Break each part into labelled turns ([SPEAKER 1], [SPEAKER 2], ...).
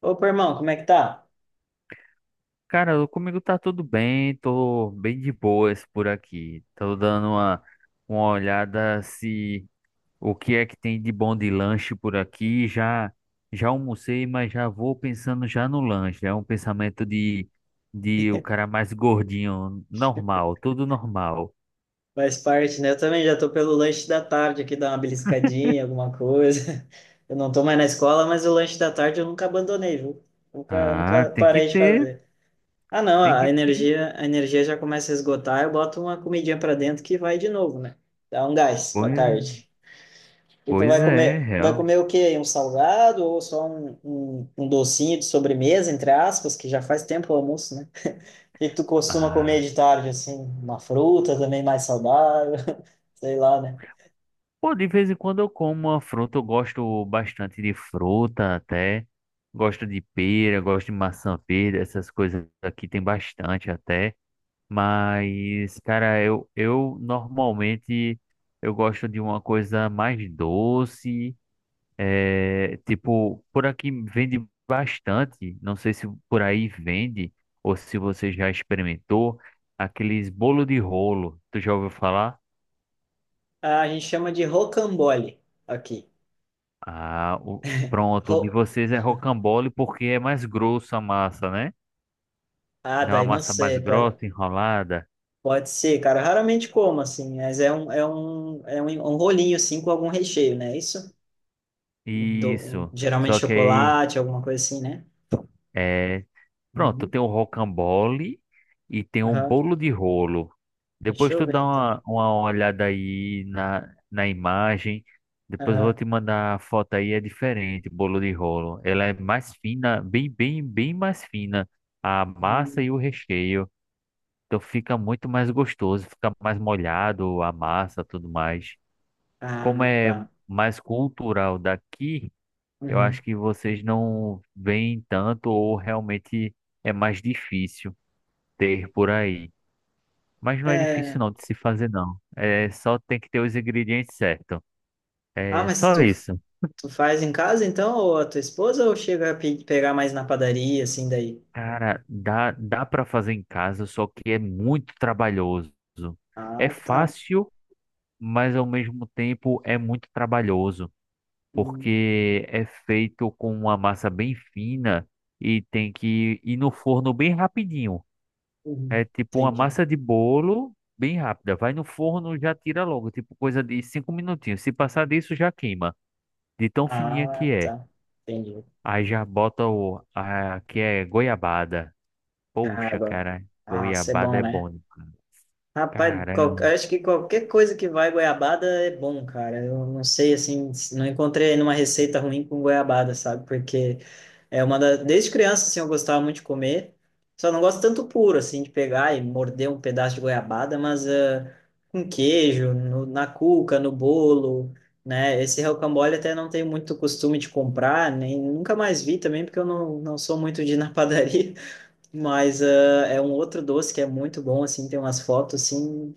[SPEAKER 1] Opa, irmão, como é que tá?
[SPEAKER 2] Cara, comigo tá tudo bem, tô bem de boas por aqui. Tô dando uma olhada se o que é que tem de bom de lanche por aqui. Já almocei, mas já vou pensando já no lanche. É um pensamento de o cara mais gordinho, normal, tudo normal.
[SPEAKER 1] Faz parte, né? Eu também já tô pelo lanche da tarde aqui, dar uma beliscadinha, alguma coisa. Eu não tô mais na escola, mas o lanche da tarde eu nunca abandonei, viu? Nunca,
[SPEAKER 2] Ah,
[SPEAKER 1] nunca
[SPEAKER 2] tem que
[SPEAKER 1] parei de
[SPEAKER 2] ter,
[SPEAKER 1] fazer. Ah, não,
[SPEAKER 2] tem que
[SPEAKER 1] a
[SPEAKER 2] ter.
[SPEAKER 1] energia, a energia já começa a esgotar, eu boto uma comidinha pra dentro que vai de novo, né? Dá um gás pra
[SPEAKER 2] Pois,
[SPEAKER 1] tarde. E tu
[SPEAKER 2] Pois é,
[SPEAKER 1] vai
[SPEAKER 2] real.
[SPEAKER 1] comer o quê? Aí? Um salgado ou só um docinho de sobremesa, entre aspas, que já faz tempo o almoço, né? O que que tu costuma comer
[SPEAKER 2] Ah.
[SPEAKER 1] de tarde, assim? Uma fruta também mais saudável, sei lá, né?
[SPEAKER 2] Pô, de vez em quando eu como uma fruta, eu gosto bastante de fruta até. Gosto de pera, gosto de maçã verde, essas coisas aqui tem bastante até. Mas, cara, eu normalmente eu gosto de uma coisa mais doce. É, tipo, por aqui vende bastante. Não sei se por aí vende ou se você já experimentou aqueles bolo de rolo. Tu já ouviu falar?
[SPEAKER 1] Ah, a gente chama de rocambole aqui.
[SPEAKER 2] Ah, pronto. O de
[SPEAKER 1] Ro...
[SPEAKER 2] vocês é rocambole porque é mais grosso a massa, né?
[SPEAKER 1] Ah,
[SPEAKER 2] Não é uma
[SPEAKER 1] daí não
[SPEAKER 2] massa mais
[SPEAKER 1] sei, pode,
[SPEAKER 2] grossa, enrolada.
[SPEAKER 1] pode ser, cara. Raramente como, assim, mas é um rolinho, assim, com algum recheio, né? Isso?
[SPEAKER 2] Isso.
[SPEAKER 1] Geralmente
[SPEAKER 2] Só que aí,
[SPEAKER 1] chocolate, alguma coisa assim, né?
[SPEAKER 2] é... pronto,
[SPEAKER 1] Uhum.
[SPEAKER 2] tem o rocambole e tem o
[SPEAKER 1] Aham.
[SPEAKER 2] bolo de rolo.
[SPEAKER 1] Deixa
[SPEAKER 2] Depois
[SPEAKER 1] eu
[SPEAKER 2] tu
[SPEAKER 1] ver,
[SPEAKER 2] dá
[SPEAKER 1] então.
[SPEAKER 2] uma olhada aí na imagem. Depois eu vou
[SPEAKER 1] Aham.
[SPEAKER 2] te mandar a foto aí, é diferente, bolo de rolo. Ela é mais fina, bem mais fina. A massa e
[SPEAKER 1] Hum.
[SPEAKER 2] o recheio. Então fica muito mais gostoso, fica mais molhado a massa, tudo mais. Como
[SPEAKER 1] Ah,
[SPEAKER 2] é
[SPEAKER 1] tá.
[SPEAKER 2] mais cultural daqui, eu acho
[SPEAKER 1] Uhum.
[SPEAKER 2] que vocês não veem tanto ou realmente é mais difícil ter por aí. Mas não é difícil
[SPEAKER 1] É...
[SPEAKER 2] não de se fazer não. É só tem que ter os ingredientes certos.
[SPEAKER 1] Ah,
[SPEAKER 2] É
[SPEAKER 1] mas
[SPEAKER 2] só
[SPEAKER 1] tu
[SPEAKER 2] isso.
[SPEAKER 1] Tu faz em casa, então, ou a tua esposa, ou chega a pegar mais na padaria, assim, daí?
[SPEAKER 2] Cara, dá para fazer em casa, só que é muito trabalhoso. É
[SPEAKER 1] Ah, tá.
[SPEAKER 2] fácil, mas ao mesmo tempo é muito trabalhoso,
[SPEAKER 1] Hum,
[SPEAKER 2] porque é feito com uma massa bem fina e tem que ir no forno bem rapidinho.
[SPEAKER 1] uhum.
[SPEAKER 2] É tipo uma
[SPEAKER 1] Entendi.
[SPEAKER 2] massa de bolo bem rápida. Vai no forno, já tira logo, tipo coisa de cinco minutinhos. Se passar disso, já queima, de tão fininha que
[SPEAKER 1] Ah,
[SPEAKER 2] é.
[SPEAKER 1] tá. Entendi.
[SPEAKER 2] Aí já bota que é goiabada.
[SPEAKER 1] Ah,
[SPEAKER 2] Poxa,
[SPEAKER 1] bom.
[SPEAKER 2] cara,
[SPEAKER 1] Nossa, é
[SPEAKER 2] goiabada
[SPEAKER 1] bom,
[SPEAKER 2] é bom
[SPEAKER 1] né?
[SPEAKER 2] demais.
[SPEAKER 1] Rapaz,
[SPEAKER 2] Caramba,
[SPEAKER 1] acho que qualquer coisa que vai goiabada é bom, cara. Eu não sei, assim, não encontrei nenhuma receita ruim com goiabada, sabe? Porque é uma da... Desde criança, assim, eu gostava muito de comer. Só não gosto tanto puro, assim, de pegar e morder um pedaço de goiabada, mas ah, com queijo, na cuca, no bolo, né? Esse rocambole até não tenho muito costume de comprar, nem nunca mais vi também, porque eu não sou muito de ir na padaria. Mas ah, é um outro doce que é muito bom, assim, tem umas fotos, assim,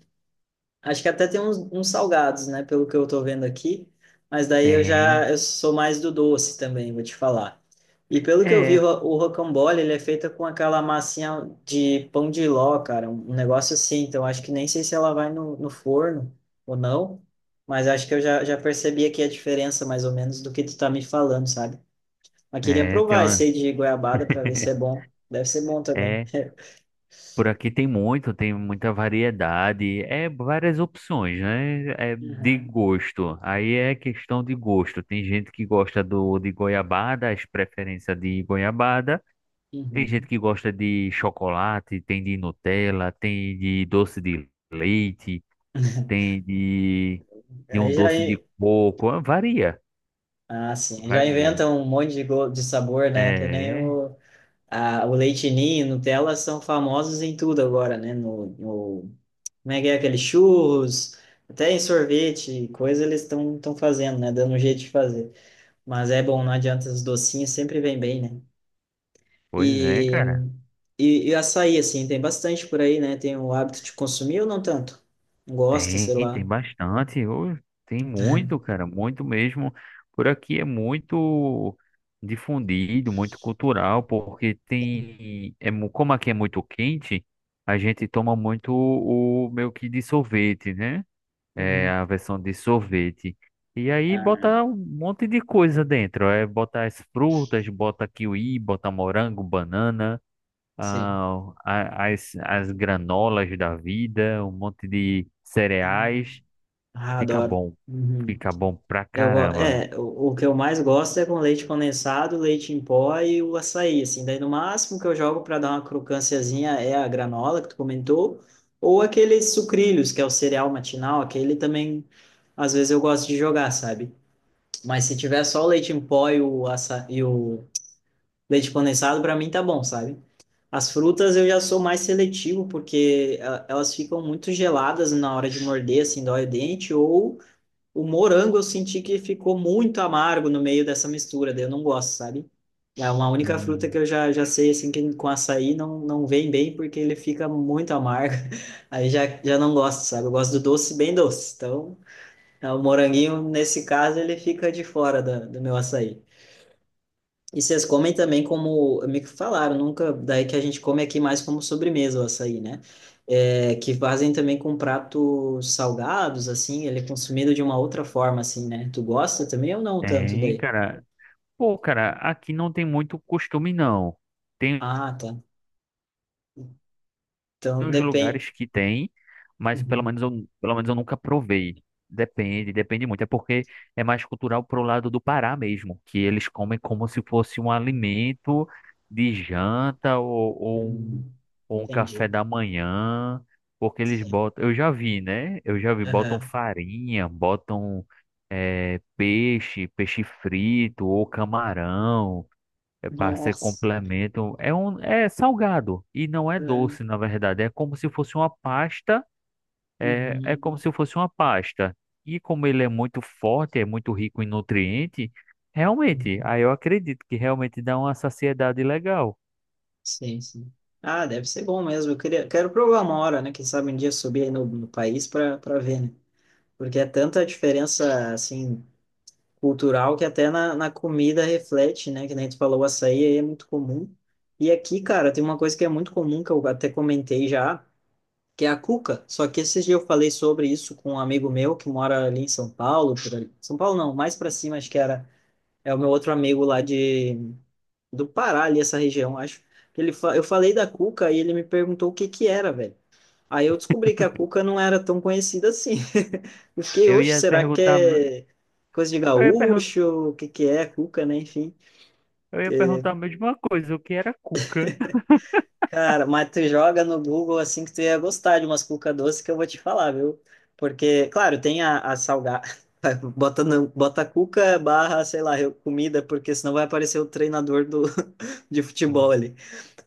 [SPEAKER 1] acho que até tem uns salgados, né? Pelo que eu tô vendo aqui. Mas daí eu
[SPEAKER 2] tem.
[SPEAKER 1] já eu sou mais do doce também, vou te falar. E pelo que eu vi,
[SPEAKER 2] É,
[SPEAKER 1] o rocambole, ele é feito com aquela massinha de pão de ló, cara. Um negócio assim. Então, acho que nem sei se ela vai no forno ou não. Mas acho que eu já percebi aqui a diferença, mais ou menos, do que tu tá me falando, sabe? Mas queria
[SPEAKER 2] tem
[SPEAKER 1] provar esse
[SPEAKER 2] uma.
[SPEAKER 1] aí de goiabada para ver se é bom. Deve ser bom também.
[SPEAKER 2] É. Por aqui tem muito, tem muita variedade, é várias opções, né? É de
[SPEAKER 1] Uhum.
[SPEAKER 2] gosto. Aí é questão de gosto. Tem gente que gosta do de goiabada, as preferências de goiabada. Tem gente
[SPEAKER 1] Uhum.
[SPEAKER 2] que gosta de chocolate, tem de Nutella, tem de doce de leite, tem de, de um
[SPEAKER 1] Aí já,
[SPEAKER 2] doce de coco.
[SPEAKER 1] Ah, sim. Já
[SPEAKER 2] Varia.
[SPEAKER 1] inventam um monte de, de sabor, né? Que nem
[SPEAKER 2] É,
[SPEAKER 1] o leite ninho, Nutella são famosos em tudo agora, né? Como é que é aquele churros, até em sorvete, coisa eles estão fazendo, né? Dando um jeito de fazer. Mas é bom, não adianta, os docinhos sempre vem bem, né?
[SPEAKER 2] pois é,
[SPEAKER 1] E,
[SPEAKER 2] cara.
[SPEAKER 1] e açaí, assim, tem bastante por aí, né? Tem o hábito de consumir ou não tanto? Gosta,
[SPEAKER 2] Tem,
[SPEAKER 1] sei
[SPEAKER 2] tem
[SPEAKER 1] lá.
[SPEAKER 2] bastante. Ô, tem muito,
[SPEAKER 1] Uhum.
[SPEAKER 2] cara, muito mesmo. Por aqui é muito difundido, muito cultural, porque como aqui é muito quente, a gente toma muito o meio que de sorvete, né? É a versão de sorvete. E aí
[SPEAKER 1] Ah,
[SPEAKER 2] bota um monte de coisa dentro. É, bota as frutas, bota kiwi, bota morango, banana,
[SPEAKER 1] sim.
[SPEAKER 2] ah, as granolas da vida, um monte de
[SPEAKER 1] Não.
[SPEAKER 2] cereais.
[SPEAKER 1] Ah,
[SPEAKER 2] Fica
[SPEAKER 1] adoro.
[SPEAKER 2] bom.
[SPEAKER 1] Uhum.
[SPEAKER 2] Fica bom pra
[SPEAKER 1] Eu, go-
[SPEAKER 2] caramba.
[SPEAKER 1] é, o que eu mais gosto é com leite condensado, leite em pó e o açaí, assim. Daí, no máximo que eu jogo para dar uma crocânciazinha é a granola que tu comentou, ou aqueles sucrilhos, que é o cereal matinal, aquele também, às vezes eu gosto de jogar, sabe? Mas se tiver só o leite em pó e o leite condensado, para mim tá bom, sabe? As frutas eu já sou mais seletivo, porque ah, elas ficam muito geladas na hora de morder, assim, dói o dente, ou o morango eu senti que ficou muito amargo no meio dessa mistura, daí eu não gosto, sabe? É uma única fruta que
[SPEAKER 2] Hum,
[SPEAKER 1] eu já sei, assim, que com açaí não vem bem, porque ele fica muito amargo. Aí já não gosto, sabe? Eu gosto do doce bem doce. Então, é, o moranguinho, nesse caso, ele fica de fora do meu açaí. E vocês comem também como, me falaram, nunca, daí que a gente come aqui mais como sobremesa o açaí, né? É, que fazem também com pratos salgados, assim, ele é consumido de uma outra forma, assim, né? Tu gosta também ou não tanto
[SPEAKER 2] tem,
[SPEAKER 1] daí?
[SPEAKER 2] cara. Pô, cara, aqui não tem muito costume, não. Tem
[SPEAKER 1] Ah, tá. Então,
[SPEAKER 2] Tem uns
[SPEAKER 1] depende.
[SPEAKER 2] lugares que tem, mas
[SPEAKER 1] Uhum.
[SPEAKER 2] pelo menos eu nunca provei. Depende, depende muito. É porque é mais cultural pro lado do Pará mesmo, que eles comem como se fosse um alimento de janta
[SPEAKER 1] Uhum.
[SPEAKER 2] ou um café
[SPEAKER 1] Entendi.
[SPEAKER 2] da manhã, porque eles
[SPEAKER 1] Sim.
[SPEAKER 2] botam. Eu já vi, né? Eu já vi, botam
[SPEAKER 1] Aham.
[SPEAKER 2] farinha, botam peixe, peixe frito ou camarão. É para ser
[SPEAKER 1] Nossa.
[SPEAKER 2] complemento. É um, é salgado e não é
[SPEAKER 1] Aham.
[SPEAKER 2] doce, na verdade. É como se fosse uma pasta. É, é como
[SPEAKER 1] Uhum.
[SPEAKER 2] se fosse uma pasta. E como ele é muito forte, é muito rico em nutriente, realmente,
[SPEAKER 1] Uhum.
[SPEAKER 2] aí eu acredito que realmente dá uma saciedade legal.
[SPEAKER 1] Sim, sim. Ah, deve ser bom mesmo. Eu queria, quero provar uma hora, né? Quem sabe um dia subir aí no país para ver, né? Porque é tanta diferença, assim, cultural que até na comida reflete, né? Que nem tu falou, o açaí aí é muito comum. E aqui, cara, tem uma coisa que é muito comum, que eu até comentei já, que é a cuca. Só que esses dias eu falei sobre isso com um amigo meu que mora ali em São Paulo, por ali. São Paulo não, mais pra cima, acho que era. É o meu outro amigo lá de, do Pará, ali, essa região, acho. Eu falei da cuca e ele me perguntou o que que era, velho. Aí eu descobri que a cuca não era tão conhecida assim. Eu fiquei,
[SPEAKER 2] Eu
[SPEAKER 1] oxe,
[SPEAKER 2] ia
[SPEAKER 1] será que
[SPEAKER 2] perguntar,
[SPEAKER 1] é coisa de
[SPEAKER 2] eu ia perguntar,
[SPEAKER 1] gaúcho? O que que é cuca, né? Enfim.
[SPEAKER 2] eu ia perguntar a mesma coisa, o que era cuca?
[SPEAKER 1] Cara, mas tu joga no Google assim que tu ia gostar de umas cuca doce que eu vou te falar, viu? Porque, claro, tem a salgada. Bota, no- Bota cuca barra, sei lá, comida, porque senão vai aparecer o treinador do, de futebol
[SPEAKER 2] Hum,
[SPEAKER 1] ali.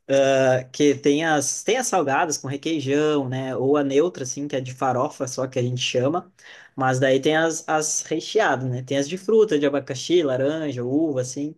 [SPEAKER 1] Ah, que tem as salgadas com requeijão, né? Ou a neutra, assim, que é de farofa só que a gente chama. Mas daí tem as recheadas, né? Tem as de fruta, de abacaxi, laranja, uva, assim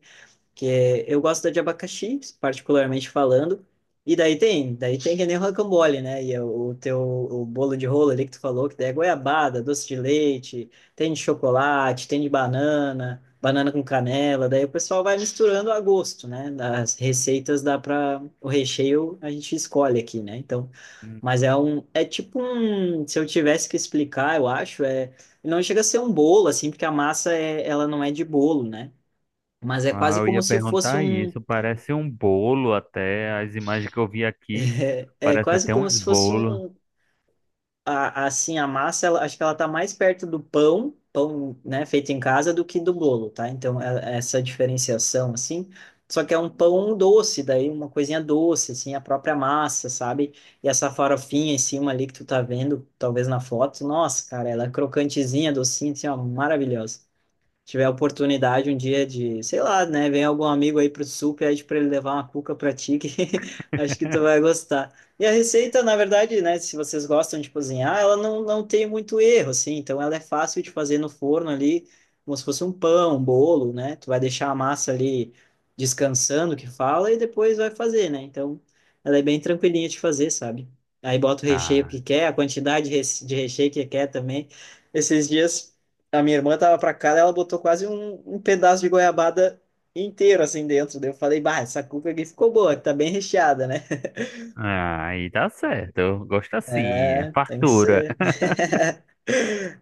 [SPEAKER 1] eu gosto de abacaxi, particularmente falando. E daí tem que nem rocambole, né? E é o bolo de rolo ali que tu falou, que daí é goiabada, doce de leite, tem de chocolate, tem de banana, banana com canela. Daí o pessoal vai misturando a gosto, né? As receitas dá para o recheio a gente escolhe aqui, né? Então,
[SPEAKER 2] hum.
[SPEAKER 1] mas é um, é tipo um, se eu tivesse que explicar, eu acho, é, não chega a ser um bolo assim, porque a massa é, ela não é de bolo, né? Mas é
[SPEAKER 2] Ah,
[SPEAKER 1] quase
[SPEAKER 2] eu
[SPEAKER 1] como
[SPEAKER 2] ia
[SPEAKER 1] se fosse
[SPEAKER 2] perguntar
[SPEAKER 1] um.
[SPEAKER 2] isso. Parece um bolo até. As imagens que eu vi aqui,
[SPEAKER 1] É, é
[SPEAKER 2] parece
[SPEAKER 1] quase
[SPEAKER 2] até
[SPEAKER 1] como
[SPEAKER 2] uns
[SPEAKER 1] se fosse
[SPEAKER 2] bolos.
[SPEAKER 1] um. Assim, a massa, acho que ela tá mais perto do pão, né, feito em casa, do que do bolo, tá? Então, é essa diferenciação, assim. Só que é um pão doce, daí uma coisinha doce, assim, a própria massa, sabe? E essa farofinha em cima ali que tu tá vendo, talvez na foto, nossa, cara, ela é crocantezinha, docinha, assim, ó, maravilhosa. Tiver a oportunidade um dia de, sei lá, né, vem algum amigo aí pro sul, pede para ele levar uma cuca para ti, que acho que tu vai gostar. E a receita, na verdade, né, se vocês gostam de cozinhar, ela não tem muito erro, assim, então ela é fácil de fazer no forno ali, como se fosse um pão, um bolo, né, tu vai deixar a massa ali descansando, que fala, e depois vai fazer, né, então ela é bem tranquilinha de fazer, sabe? Aí bota o recheio
[SPEAKER 2] Ah.
[SPEAKER 1] que quer, a quantidade de de recheio que quer também. Esses dias a minha irmã tava pra cá, daí ela botou quase um pedaço de goiabada inteiro assim dentro. Daí eu falei, bah, essa cuca aqui ficou boa, tá bem recheada, né?
[SPEAKER 2] Ah, aí tá certo. Eu gosto assim, é
[SPEAKER 1] É, tem que
[SPEAKER 2] fartura.
[SPEAKER 1] ser.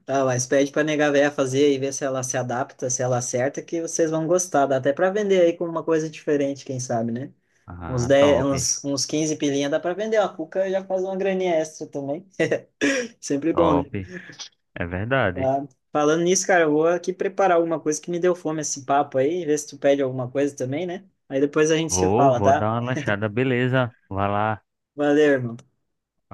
[SPEAKER 1] Ah, mas pede pra nega véia fazer e ver se ela se adapta, se ela acerta, que vocês vão gostar. Dá até pra vender aí com uma coisa diferente, quem sabe, né? Uns
[SPEAKER 2] Ah,
[SPEAKER 1] 10, uns 15 pilinha dá pra vender. A cuca já faz uma graninha extra também. Sempre bom, né?
[SPEAKER 2] top. É verdade.
[SPEAKER 1] Tá. Falando nisso, cara, eu vou aqui preparar alguma coisa que me deu fome esse papo aí, ver se tu pede alguma coisa também, né? Aí depois a gente se fala,
[SPEAKER 2] Vou
[SPEAKER 1] tá?
[SPEAKER 2] dar uma lanchada, beleza. Vai lá.
[SPEAKER 1] Valeu, irmão.